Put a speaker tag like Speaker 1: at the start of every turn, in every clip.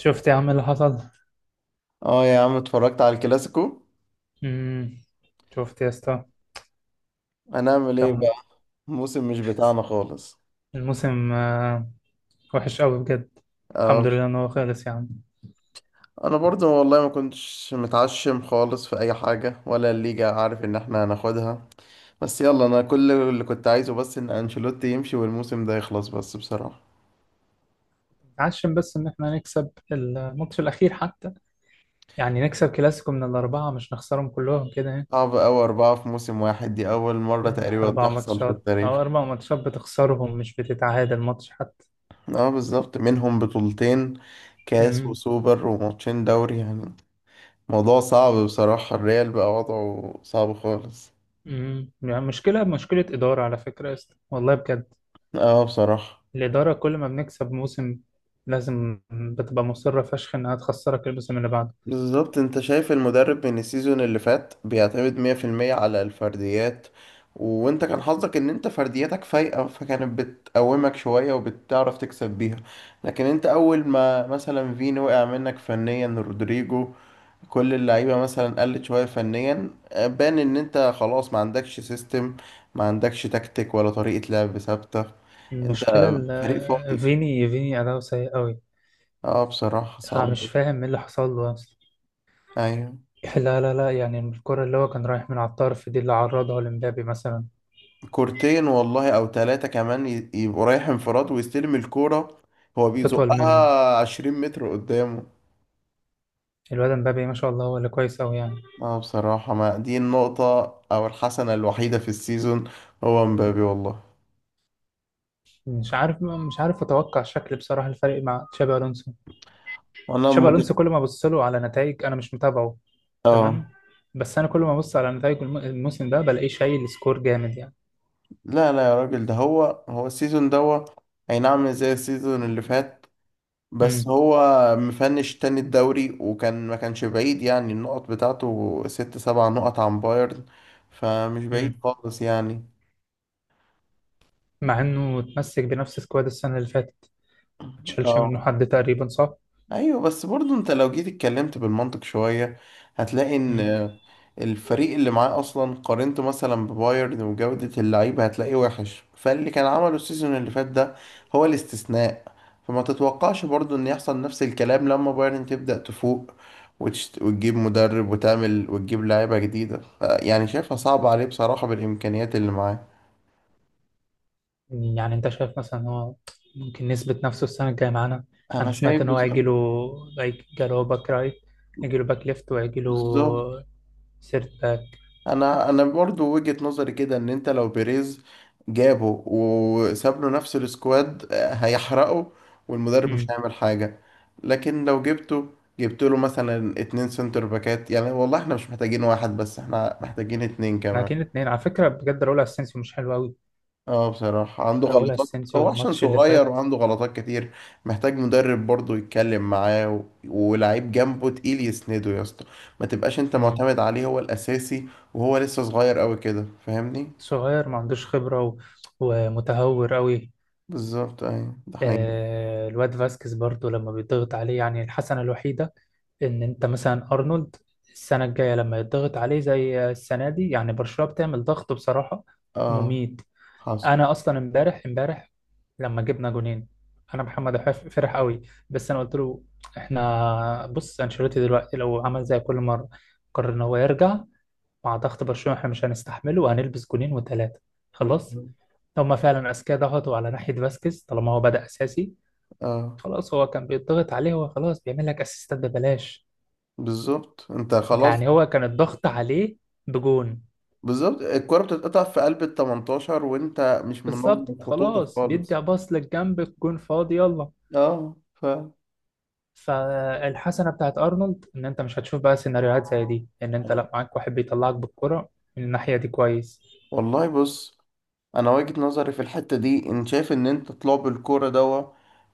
Speaker 1: شفت يا عم اللي حصل.
Speaker 2: اه يا عم، اتفرجت على الكلاسيكو.
Speaker 1: امم شفت يا اسطى.
Speaker 2: هنعمل ايه بقى؟
Speaker 1: كم؟
Speaker 2: موسم مش بتاعنا خالص.
Speaker 1: الموسم، آه، وحش قوي بجد.
Speaker 2: آه،
Speaker 1: الحمد لله ان هو خلص يا عم.
Speaker 2: انا برضو والله ما كنتش متعشم خالص في اي حاجة ولا الليجا، عارف ان احنا هناخدها. بس يلا، انا كل اللي كنت عايزه بس ان انشيلوتي يمشي والموسم ده يخلص بس، بصراحة.
Speaker 1: عشان بس ان احنا نكسب الماتش الاخير حتى. يعني نكسب كلاسيكو من الاربعه، مش نخسرهم كلهم كده يعني.
Speaker 2: صعب أوي أربعة في موسم واحد، دي أول مرة
Speaker 1: يعني
Speaker 2: تقريبا
Speaker 1: اربع
Speaker 2: تحصل في
Speaker 1: ماتشات
Speaker 2: التاريخ.
Speaker 1: او اربع ماتشات بتخسرهم، مش بتتعادل ماتش حتى.
Speaker 2: اه بالظبط، منهم بطولتين، كاس
Speaker 1: امم
Speaker 2: وسوبر وماتشين دوري يعني. موضوع صعب بصراحة، الريال بقى وضعه صعب خالص.
Speaker 1: يعني مشكله مشكله اداره على فكره يا اسطى، والله بجد.
Speaker 2: اه بصراحة.
Speaker 1: الاداره كل ما بنكسب موسم، لازم بتبقى مصره فشخ انها تخسرك الموسم اللي بعده.
Speaker 2: بالظبط، انت شايف المدرب من السيزون اللي فات بيعتمد 100% على الفرديات. وانت كان حظك ان انت فردياتك فايقة، فكانت بتقومك شوية وبتعرف تكسب بيها. لكن انت اول ما مثلا فين وقع منك فنيا رودريجو، كل اللعيبة مثلا قلت شوية فنيا، بان ان انت خلاص ما عندكش سيستم، ما عندكش تكتيك ولا طريقة لعب ثابتة. انت
Speaker 1: المشكلة
Speaker 2: فريق فاضي.
Speaker 1: فيني أداؤه سيء أوي.
Speaker 2: اه بصراحة صعب
Speaker 1: أنا مش
Speaker 2: اوي.
Speaker 1: فاهم إيه اللي حصل له أصلا.
Speaker 2: ايوه.
Speaker 1: لا، لا، لا، يعني الكرة اللي هو كان رايح من على الطرف دي اللي عرضها لمبابي مثلا.
Speaker 2: كورتين والله او ثلاثة كمان يبقوا رايح انفراد ويستلم الكورة، هو
Speaker 1: وتطول منه.
Speaker 2: بيزقها 20 متر قدامه.
Speaker 1: الواد مبابي، ما شاء الله، هو اللي كويس أوي يعني.
Speaker 2: اه بصراحة، ما دي النقطة او الحسنة الوحيدة في السيزون، هو مبابي والله.
Speaker 1: مش عارف أتوقع شكل بصراحة الفريق مع تشابي ألونسو.
Speaker 2: انا
Speaker 1: تشابي ألونسو
Speaker 2: مت...
Speaker 1: كل ما أبص له على نتائج، أنا مش متابعه. تمام.
Speaker 2: اه.
Speaker 1: بس أنا كل ما أبص على نتائج الموسم ده بلاقيه شايل سكور جامد يعني.
Speaker 2: لا لا يا راجل، ده هو هو السيزون دوا. اي نعم مش زي السيزون اللي فات بس
Speaker 1: امم
Speaker 2: هو مفنش تاني الدوري، وكان ما كانش بعيد يعني، النقط بتاعته ست سبع نقط عن بايرن، فمش بعيد
Speaker 1: امم
Speaker 2: خالص يعني.
Speaker 1: مع إنه اتمسك بنفس سكواد السنة اللي فاتت، ما تشالش منه
Speaker 2: اه.
Speaker 1: حد تقريبا، صح؟
Speaker 2: ايوه بس برضه انت لو جيت اتكلمت بالمنطق شويه، هتلاقي ان
Speaker 1: مم.
Speaker 2: الفريق اللي معاه اصلا قارنته مثلا ببايرن وجوده اللعيبه هتلاقيه وحش، فاللي كان عمله السيزون اللي فات ده هو الاستثناء. فما تتوقعش برضه ان يحصل نفس الكلام لما بايرن تبدا تفوق وتشت... وتجيب مدرب وتعمل وتجيب لعيبه جديده يعني شايفها صعبه عليه بصراحه بالامكانيات اللي معاه.
Speaker 1: يعني انت شايف مثلا ان هو ممكن يثبت نفسه السنه الجايه معانا. انا
Speaker 2: انا
Speaker 1: سمعت
Speaker 2: شايف
Speaker 1: ان هو
Speaker 2: بصراحه.
Speaker 1: هيجي له. جاله باك رايت. هيجي له باك ليفت وهيجي
Speaker 2: بالظبط،
Speaker 1: له سيرت باك.
Speaker 2: انا برضو وجهة نظري كده ان انت لو بيريز جابه وساب له نفس السكواد آه، هيحرقه، والمدرب مش
Speaker 1: امم
Speaker 2: هيعمل حاجة. لكن لو جبته، جبت له مثلا اتنين سنتر باكات يعني، والله احنا مش محتاجين واحد بس، احنا محتاجين اتنين كمان.
Speaker 1: لكن اتنين على فكره بجد، راؤول اسينسيو مش حلو قوي.
Speaker 2: اه بصراحة عنده
Speaker 1: راؤول
Speaker 2: غلطات.
Speaker 1: اسينسيو
Speaker 2: هو عشان
Speaker 1: الماتش اللي
Speaker 2: صغير
Speaker 1: فات.
Speaker 2: وعنده غلطات كتير، محتاج مدرب برضه يتكلم معاه و... ولاعيب جنبه تقيل يسنده يا اسطى، ما تبقاش انت
Speaker 1: امم
Speaker 2: معتمد عليه هو الأساسي. وهو لسه صغير قوي كده، فاهمني.
Speaker 1: صغير ما عندوش خبره ومتهور قوي.
Speaker 2: بالظبط، أيوة ده حقيقي.
Speaker 1: آه، الواد فاسكيز برضو لما بيضغط عليه يعني الحسنة الوحيدة إن أنت مثلا أرنولد، السنة الجاية لما يضغط عليه زي السنة دي، يعني برشلونة بتعمل ضغط بصراحة
Speaker 2: اه.
Speaker 1: مميت.
Speaker 2: حصل.
Speaker 1: أنا أصلا امبارح لما جبنا جونين، أنا محمد فرح قوي. بس أنا قلت له: إحنا بص، أنشيلوتي دلوقتي لو عمل زي كل مرة، قرر إن هو يرجع مع ضغط برشلونة، إحنا مش هنستحمله وهنلبس جونين وتلاتة. خلاص.
Speaker 2: بالظبط.
Speaker 1: هما فعلا أذكياء، ضغطوا على ناحية فاسكيز طالما هو بدأ أساسي.
Speaker 2: اه
Speaker 1: خلاص هو كان بيضغط عليه، هو خلاص بيعمل لك اسيستات ببلاش.
Speaker 2: بالظبط انت
Speaker 1: ده
Speaker 2: خلاص.
Speaker 1: يعني هو كان الضغط عليه بجون.
Speaker 2: بالظبط، الكرة بتتقطع في قلب ال 18 وانت مش منظم
Speaker 1: بالظبط
Speaker 2: خطوطك
Speaker 1: خلاص، بيدي
Speaker 2: خالص.
Speaker 1: باص للجنب، الجون فاضي يلا.
Speaker 2: اه ف
Speaker 1: فالحسنه بتاعت ارنولد ان انت مش هتشوف بقى سيناريوهات زي دي، ان انت
Speaker 2: آه.
Speaker 1: لا معاك واحد بيطلعك بالكرة. من الناحيه دي كويس.
Speaker 2: والله بص، انا وجهة نظري في الحتة دي ان شايف ان انت طلاب الكورة دوا،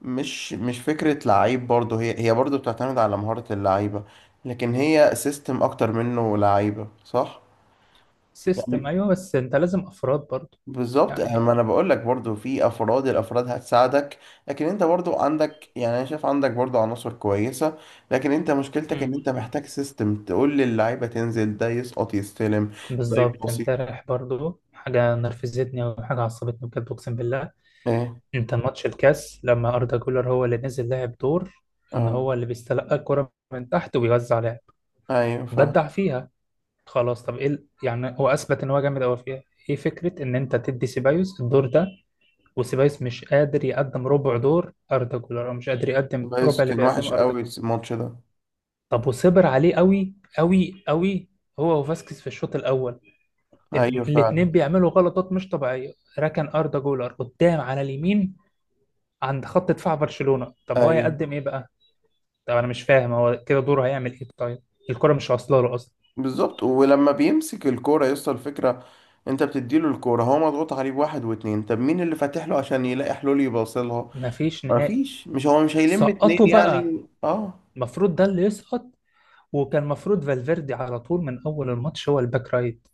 Speaker 2: مش فكرة لعيب برضه، هي برضه بتعتمد على مهارة اللعيبة، لكن هي سيستم اكتر منه لعيبة، صح؟
Speaker 1: سيستم،
Speaker 2: يعني.
Speaker 1: ايوه، بس انت لازم افراد برضو.
Speaker 2: بالظبط،
Speaker 1: يعني.
Speaker 2: ما انا بقول لك برضو في افراد، الافراد هتساعدك. لكن انت برضو عندك، يعني انا شايف عندك برضو عناصر كويسه، لكن انت مشكلتك
Speaker 1: مم.
Speaker 2: ان انت محتاج سيستم تقول للعيبه تنزل، ده يسقط، يستلم، ده
Speaker 1: بالظبط،
Speaker 2: يباصي.
Speaker 1: امبارح برضو حاجه نرفزتني وحاجه عصبتني بجد، اقسم بالله.
Speaker 2: ايه.
Speaker 1: انت ماتش الكاس لما اردا جولر هو اللي نزل لعب دور، ان
Speaker 2: اه.
Speaker 1: هو اللي بيستلقى الكرة من تحت ويوزع لعب.
Speaker 2: ايوه فعلا.
Speaker 1: بدع فيها. خلاص طب ايه يعني هو اثبت ان هو جامد قوي فيها. ايه فكرة ان انت تدي سيبايوس الدور ده، وسيبايوس مش قادر يقدم ربع دور اردا جولر، او مش قادر يقدم
Speaker 2: بس
Speaker 1: ربع اللي
Speaker 2: كان وحش
Speaker 1: بيقدمه اردا
Speaker 2: قوي
Speaker 1: جولر.
Speaker 2: الماتش ده.
Speaker 1: طب وصبر عليه قوي قوي قوي، هو وفاسكيز في الشوط الاول.
Speaker 2: ايوه فعلا.
Speaker 1: الاتنين بيعملوا غلطات مش طبيعية. ركن اردا جولر قدام على اليمين عند خط دفاع برشلونة، طب هو
Speaker 2: ايوه.
Speaker 1: يقدم ايه بقى. طب انا مش فاهم هو كده دوره هيعمل ايه طيب، الكرة مش واصله له اصلا.
Speaker 2: بالظبط، ولما بيمسك الكوره يوصل الفكره، انت بتديله الكوره هو مضغوط عليه بواحد واتنين، طب مين اللي فاتح له عشان يلاقي حلول يباصلها؟
Speaker 1: مفيش
Speaker 2: ما
Speaker 1: نهائي.
Speaker 2: فيش، مش هيلم اتنين
Speaker 1: سقطوا بقى.
Speaker 2: يعني، اه.
Speaker 1: المفروض ده اللي يسقط. وكان المفروض فالفيردي على طول من اول الماتش هو الباك رايت.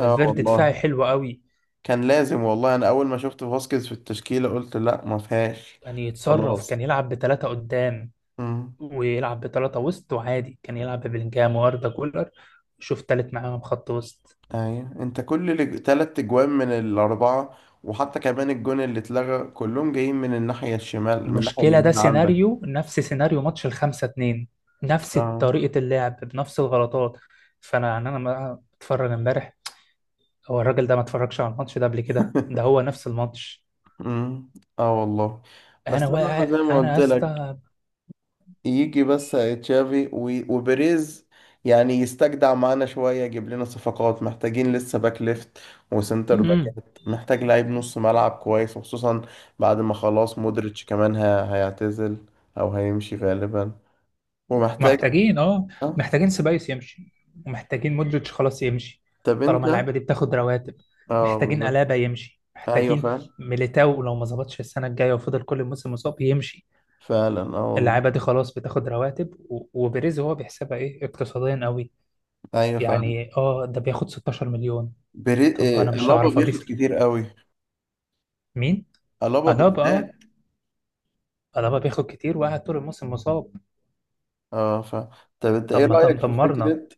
Speaker 2: اه والله.
Speaker 1: دفاعي حلو قوي.
Speaker 2: كان لازم والله، انا اول ما شفت فاسكيز في التشكيلة قلت لا ما فيهاش.
Speaker 1: كان يتصرف،
Speaker 2: خلاص.
Speaker 1: كان يلعب بثلاثة قدام،
Speaker 2: امم.
Speaker 1: ويلعب بثلاثة وسط، وعادي كان يلعب ببلينجهام واردا جولر. شوف تالت معاهم خط وسط.
Speaker 2: ايوه، انت كل تلات اجوان من الاربعة وحتى كمان الجون اللي اتلغى كلهم جايين من الناحية الشمال، من الناحية
Speaker 1: المشكلة ده
Speaker 2: اليمين عندك.
Speaker 1: سيناريو نفس سيناريو ماتش الخمسة اتنين. نفس
Speaker 2: اه.
Speaker 1: طريقة اللعب بنفس الغلطات. فأنا يعني أنا بقى بتفرج امبارح، هو الراجل ده ما اتفرجش على الماتش ده قبل كده؟ ده هو نفس الماتش.
Speaker 2: امم. اه والله.
Speaker 1: انا
Speaker 2: بس انا
Speaker 1: واقع
Speaker 2: زي ما
Speaker 1: انا
Speaker 2: قلت
Speaker 1: يا
Speaker 2: لك،
Speaker 1: اسطى.
Speaker 2: يجي بس تشافي وبيريز يعني يستجدع معانا شوية، يجيب لنا صفقات. محتاجين لسه باك ليفت وسنتر
Speaker 1: مم.
Speaker 2: باكات. محتاج لعيب نص ملعب كويس، وخصوصا بعد ما خلاص مودريتش كمان هيعتزل أو هيمشي غالبا. ومحتاج.
Speaker 1: محتاجين، اه.
Speaker 2: اه.
Speaker 1: محتاجين سيبايوس يمشي، ومحتاجين مودريتش خلاص يمشي.
Speaker 2: طب انت.
Speaker 1: طالما اللعيبه دي بتاخد رواتب.
Speaker 2: اه
Speaker 1: محتاجين
Speaker 2: بالظبط.
Speaker 1: ألابا يمشي،
Speaker 2: ايوه
Speaker 1: محتاجين
Speaker 2: فعلا.
Speaker 1: ميليتاو لو ما ظبطش السنه الجايه وفضل كل الموسم مصاب يمشي.
Speaker 2: فعلا اه والله.
Speaker 1: اللعيبه دي خلاص بتاخد رواتب، وبيريز هو بيحسبها ايه اقتصاديا قوي.
Speaker 2: ايوه فعلا.
Speaker 1: يعني اه، ده بياخد 16 مليون.
Speaker 2: بري...
Speaker 1: طب
Speaker 2: آه،
Speaker 1: انا مش
Speaker 2: ألابا
Speaker 1: هعرف
Speaker 2: بياخد
Speaker 1: اضيف
Speaker 2: كتير قوي.
Speaker 1: مين.
Speaker 2: ألابا
Speaker 1: ألابا، اه.
Speaker 2: بالذات.
Speaker 1: ألابا بياخد كتير وقاعد طول الموسم مصاب.
Speaker 2: اه فعلا. طب انت ايه
Speaker 1: طب ما تم
Speaker 2: رأيك في
Speaker 1: دمرنا
Speaker 2: فكرة،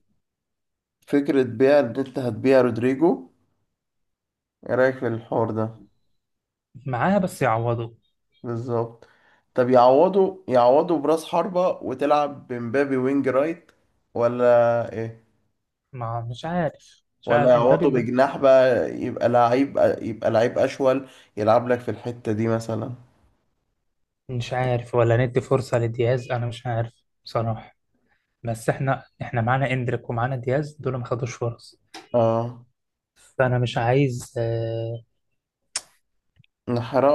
Speaker 2: فكرة بيع اللي انت هتبيع رودريجو؟ ايه رأيك في الحوار ده؟
Speaker 1: معاه، بس يعوضوا.
Speaker 2: بالظبط. طب يعوضوا، يعوضوا براس حربة وتلعب بمبابي وينج رايت، ولا ايه؟
Speaker 1: ما، مش عارف مش
Speaker 2: ولا
Speaker 1: عارف امبابي
Speaker 2: يعوضوا بجناح بقى، يبقى لعيب، يبقى لعيب اشول يلعب لك في الحتة دي مثلا.
Speaker 1: مش عارف، ولا ندي فرصة لدياز، انا مش عارف بصراحة. بس احنا معانا اندريك ومعانا دياز، دول ما خدوش فرص.
Speaker 2: اه.
Speaker 1: فانا مش عايز،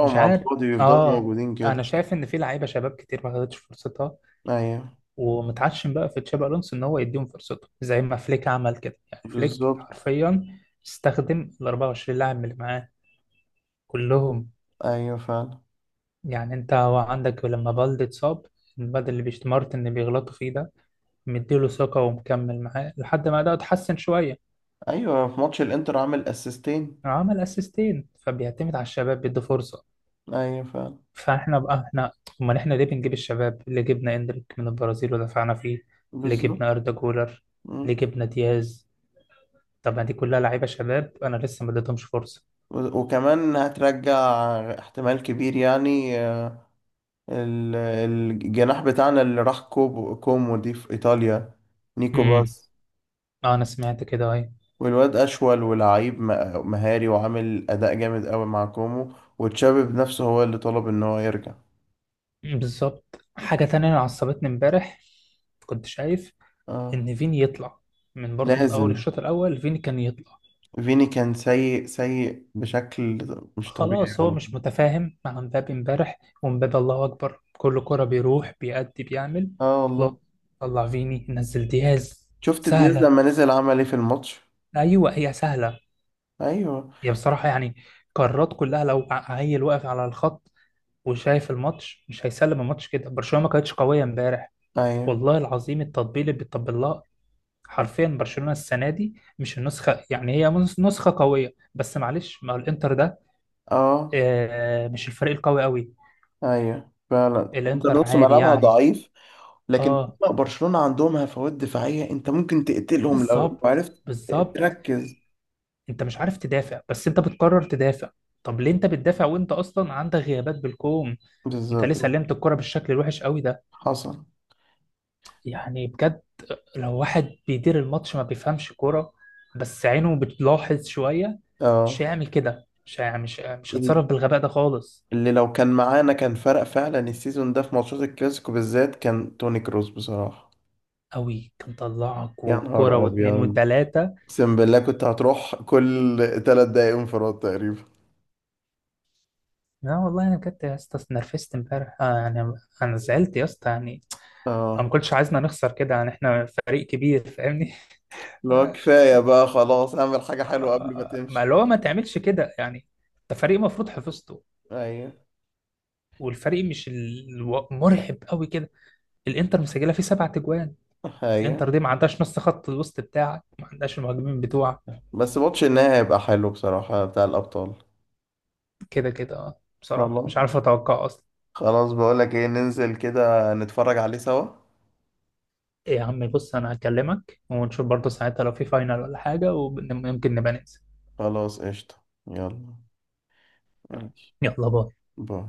Speaker 1: مش
Speaker 2: على
Speaker 1: عارف.
Speaker 2: الفاضي ويفضلوا
Speaker 1: اه.
Speaker 2: موجودين كده.
Speaker 1: انا شايف ان في لعيبة شباب كتير ما خدتش فرصتها،
Speaker 2: ايوه.
Speaker 1: ومتعشم بقى في تشابي الونسو ان هو يديهم فرصتهم زي ما فليك عمل كده. يعني فليك
Speaker 2: بالظبط.
Speaker 1: حرفيا استخدم ال 24 لاعب اللي معاه كلهم.
Speaker 2: ايوه فعلا.
Speaker 1: يعني انت هو عندك لما بالدي اتصاب، الواد اللي بيشتمرت ان بيغلطوا فيه ده، مديله ثقة ومكمل معاه لحد ما ده اتحسن شوية.
Speaker 2: ايوه، في ماتش الانتر عامل اسيستين.
Speaker 1: عمل اسيستين، فبيعتمد على الشباب، بيدي فرصة.
Speaker 2: ايوه فعلا.
Speaker 1: فاحنا بقى احنا، امال احنا ليه بنجيب الشباب؟ اللي جبنا اندريك من البرازيل ودفعنا فيه، اللي
Speaker 2: بالظبط.
Speaker 1: جبنا اردا جولر، اللي جبنا دياز. طب ما دي كلها لعيبة شباب انا لسه ما اديتهمش فرصة.
Speaker 2: وكمان هترجع، احتمال كبير يعني آه، الجناح بتاعنا اللي راح كوبو، كومو دي في إيطاليا، نيكو
Speaker 1: امم
Speaker 2: باس.
Speaker 1: اه، انا سمعت كده اهي.
Speaker 2: والواد أشول ولعيب مهاري وعامل أداء جامد قوي مع كومو، وتشابي بنفسه هو اللي طلب إن هو يرجع.
Speaker 1: بالظبط. حاجة تانية أنا عصبتني امبارح، كنت شايف
Speaker 2: اه.
Speaker 1: ان فيني يطلع، من برضه من اول
Speaker 2: لازم.
Speaker 1: الشوط الاول فيني كان يطلع.
Speaker 2: فيني كان سيء، سيء بشكل مش طبيعي
Speaker 1: خلاص هو
Speaker 2: والله.
Speaker 1: مش متفاهم مع مبابي امبارح، ومبابي الله اكبر كل كرة بيروح بيأدي بيعمل.
Speaker 2: اه
Speaker 1: خلاص.
Speaker 2: والله.
Speaker 1: طلع فيني، نزل دياز.
Speaker 2: شفت دياز
Speaker 1: سهلة.
Speaker 2: لما نزل عمل ايه في الماتش؟
Speaker 1: ايوه، هي سهلة.
Speaker 2: ايوه.
Speaker 1: هي بصراحة يعني قرارات كلها، لو عيل واقف على الخط وشايف الماتش مش هيسلم الماتش كده. برشلونة ما كانتش قوية امبارح
Speaker 2: ايوه.
Speaker 1: والله العظيم. التطبيل اللي بيطبل لها حرفيا، برشلونة السنة دي مش النسخة يعني، هي نسخة قوية، بس معلش مع الانتر ده
Speaker 2: اه.
Speaker 1: آه، مش الفريق القوي قوي.
Speaker 2: ايوه فعلا. انت
Speaker 1: الانتر
Speaker 2: نص
Speaker 1: عادي
Speaker 2: ملعبها
Speaker 1: يعني.
Speaker 2: ضعيف، لكن
Speaker 1: اه.
Speaker 2: برشلونة عندهم هفوات دفاعية، انت ممكن تقتلهم لو
Speaker 1: بالظبط،
Speaker 2: عرفت
Speaker 1: بالظبط،
Speaker 2: تركز.
Speaker 1: انت مش عارف تدافع، بس انت بتقرر تدافع. طب ليه انت بتدافع وانت اصلا عندك غيابات بالكوم؟ انت ليه
Speaker 2: بالظبط.
Speaker 1: سلمت الكرة بالشكل الوحش قوي ده؟
Speaker 2: حصل.
Speaker 1: يعني بجد، لو واحد بيدير الماتش ما بيفهمش كرة بس عينه بتلاحظ شوية، مش
Speaker 2: اه
Speaker 1: هيعمل كده. مش
Speaker 2: ال-
Speaker 1: هتصرف بالغباء ده خالص.
Speaker 2: اللي لو كان معانا كان فرق فعلا السيزون ده في ماتشات الكلاسيكو بالذات، كان توني كروس بصراحة.
Speaker 1: قوي كان طلعك،
Speaker 2: يا
Speaker 1: وبكرة
Speaker 2: نهار
Speaker 1: واتنين
Speaker 2: ابيض،
Speaker 1: وتلاتة.
Speaker 2: اقسم بالله كنت هتروح كل ثلاث دقايق انفراد تقريبا.
Speaker 1: لا والله انا بجد يا اسطى اتنرفزت امبارح، يعني. انا زعلت يا اسطى يعني. أنا ما
Speaker 2: اه.
Speaker 1: كنتش عايزنا نخسر كده يعني، احنا فريق كبير فاهمني.
Speaker 2: لو
Speaker 1: آه،
Speaker 2: كفاية بقى خلاص، اعمل حاجة حلوة قبل ما
Speaker 1: ما
Speaker 2: تمشي.
Speaker 1: اللي هو ما تعملش كده يعني. انت فريق المفروض حفظته،
Speaker 2: ايوه.
Speaker 1: والفريق مش مرعب قوي كده. الانتر مسجله فيه 7 تجوان.
Speaker 2: ايوه.
Speaker 1: الانتر دي ما عندهاش نص خط الوسط بتاعك، ما عندهاش المهاجمين بتوعك.
Speaker 2: بس ماتش النهائي هيبقى حلو بصراحة بتاع الأبطال.
Speaker 1: كده كده، آه، بصراحه
Speaker 2: خلاص.
Speaker 1: مش عارف اتوقع اصلا.
Speaker 2: خلاص، بقولك ايه، ننزل كده نتفرج عليه سوا؟
Speaker 1: إيه يا عمي، بص، انا هكلمك ونشوف برضه ساعتها، لو في فاينل ولا حاجه ويمكن نبقى ننزل.
Speaker 2: خلاص قشطة، يلا. ماشي.
Speaker 1: يلا باي.
Speaker 2: باي.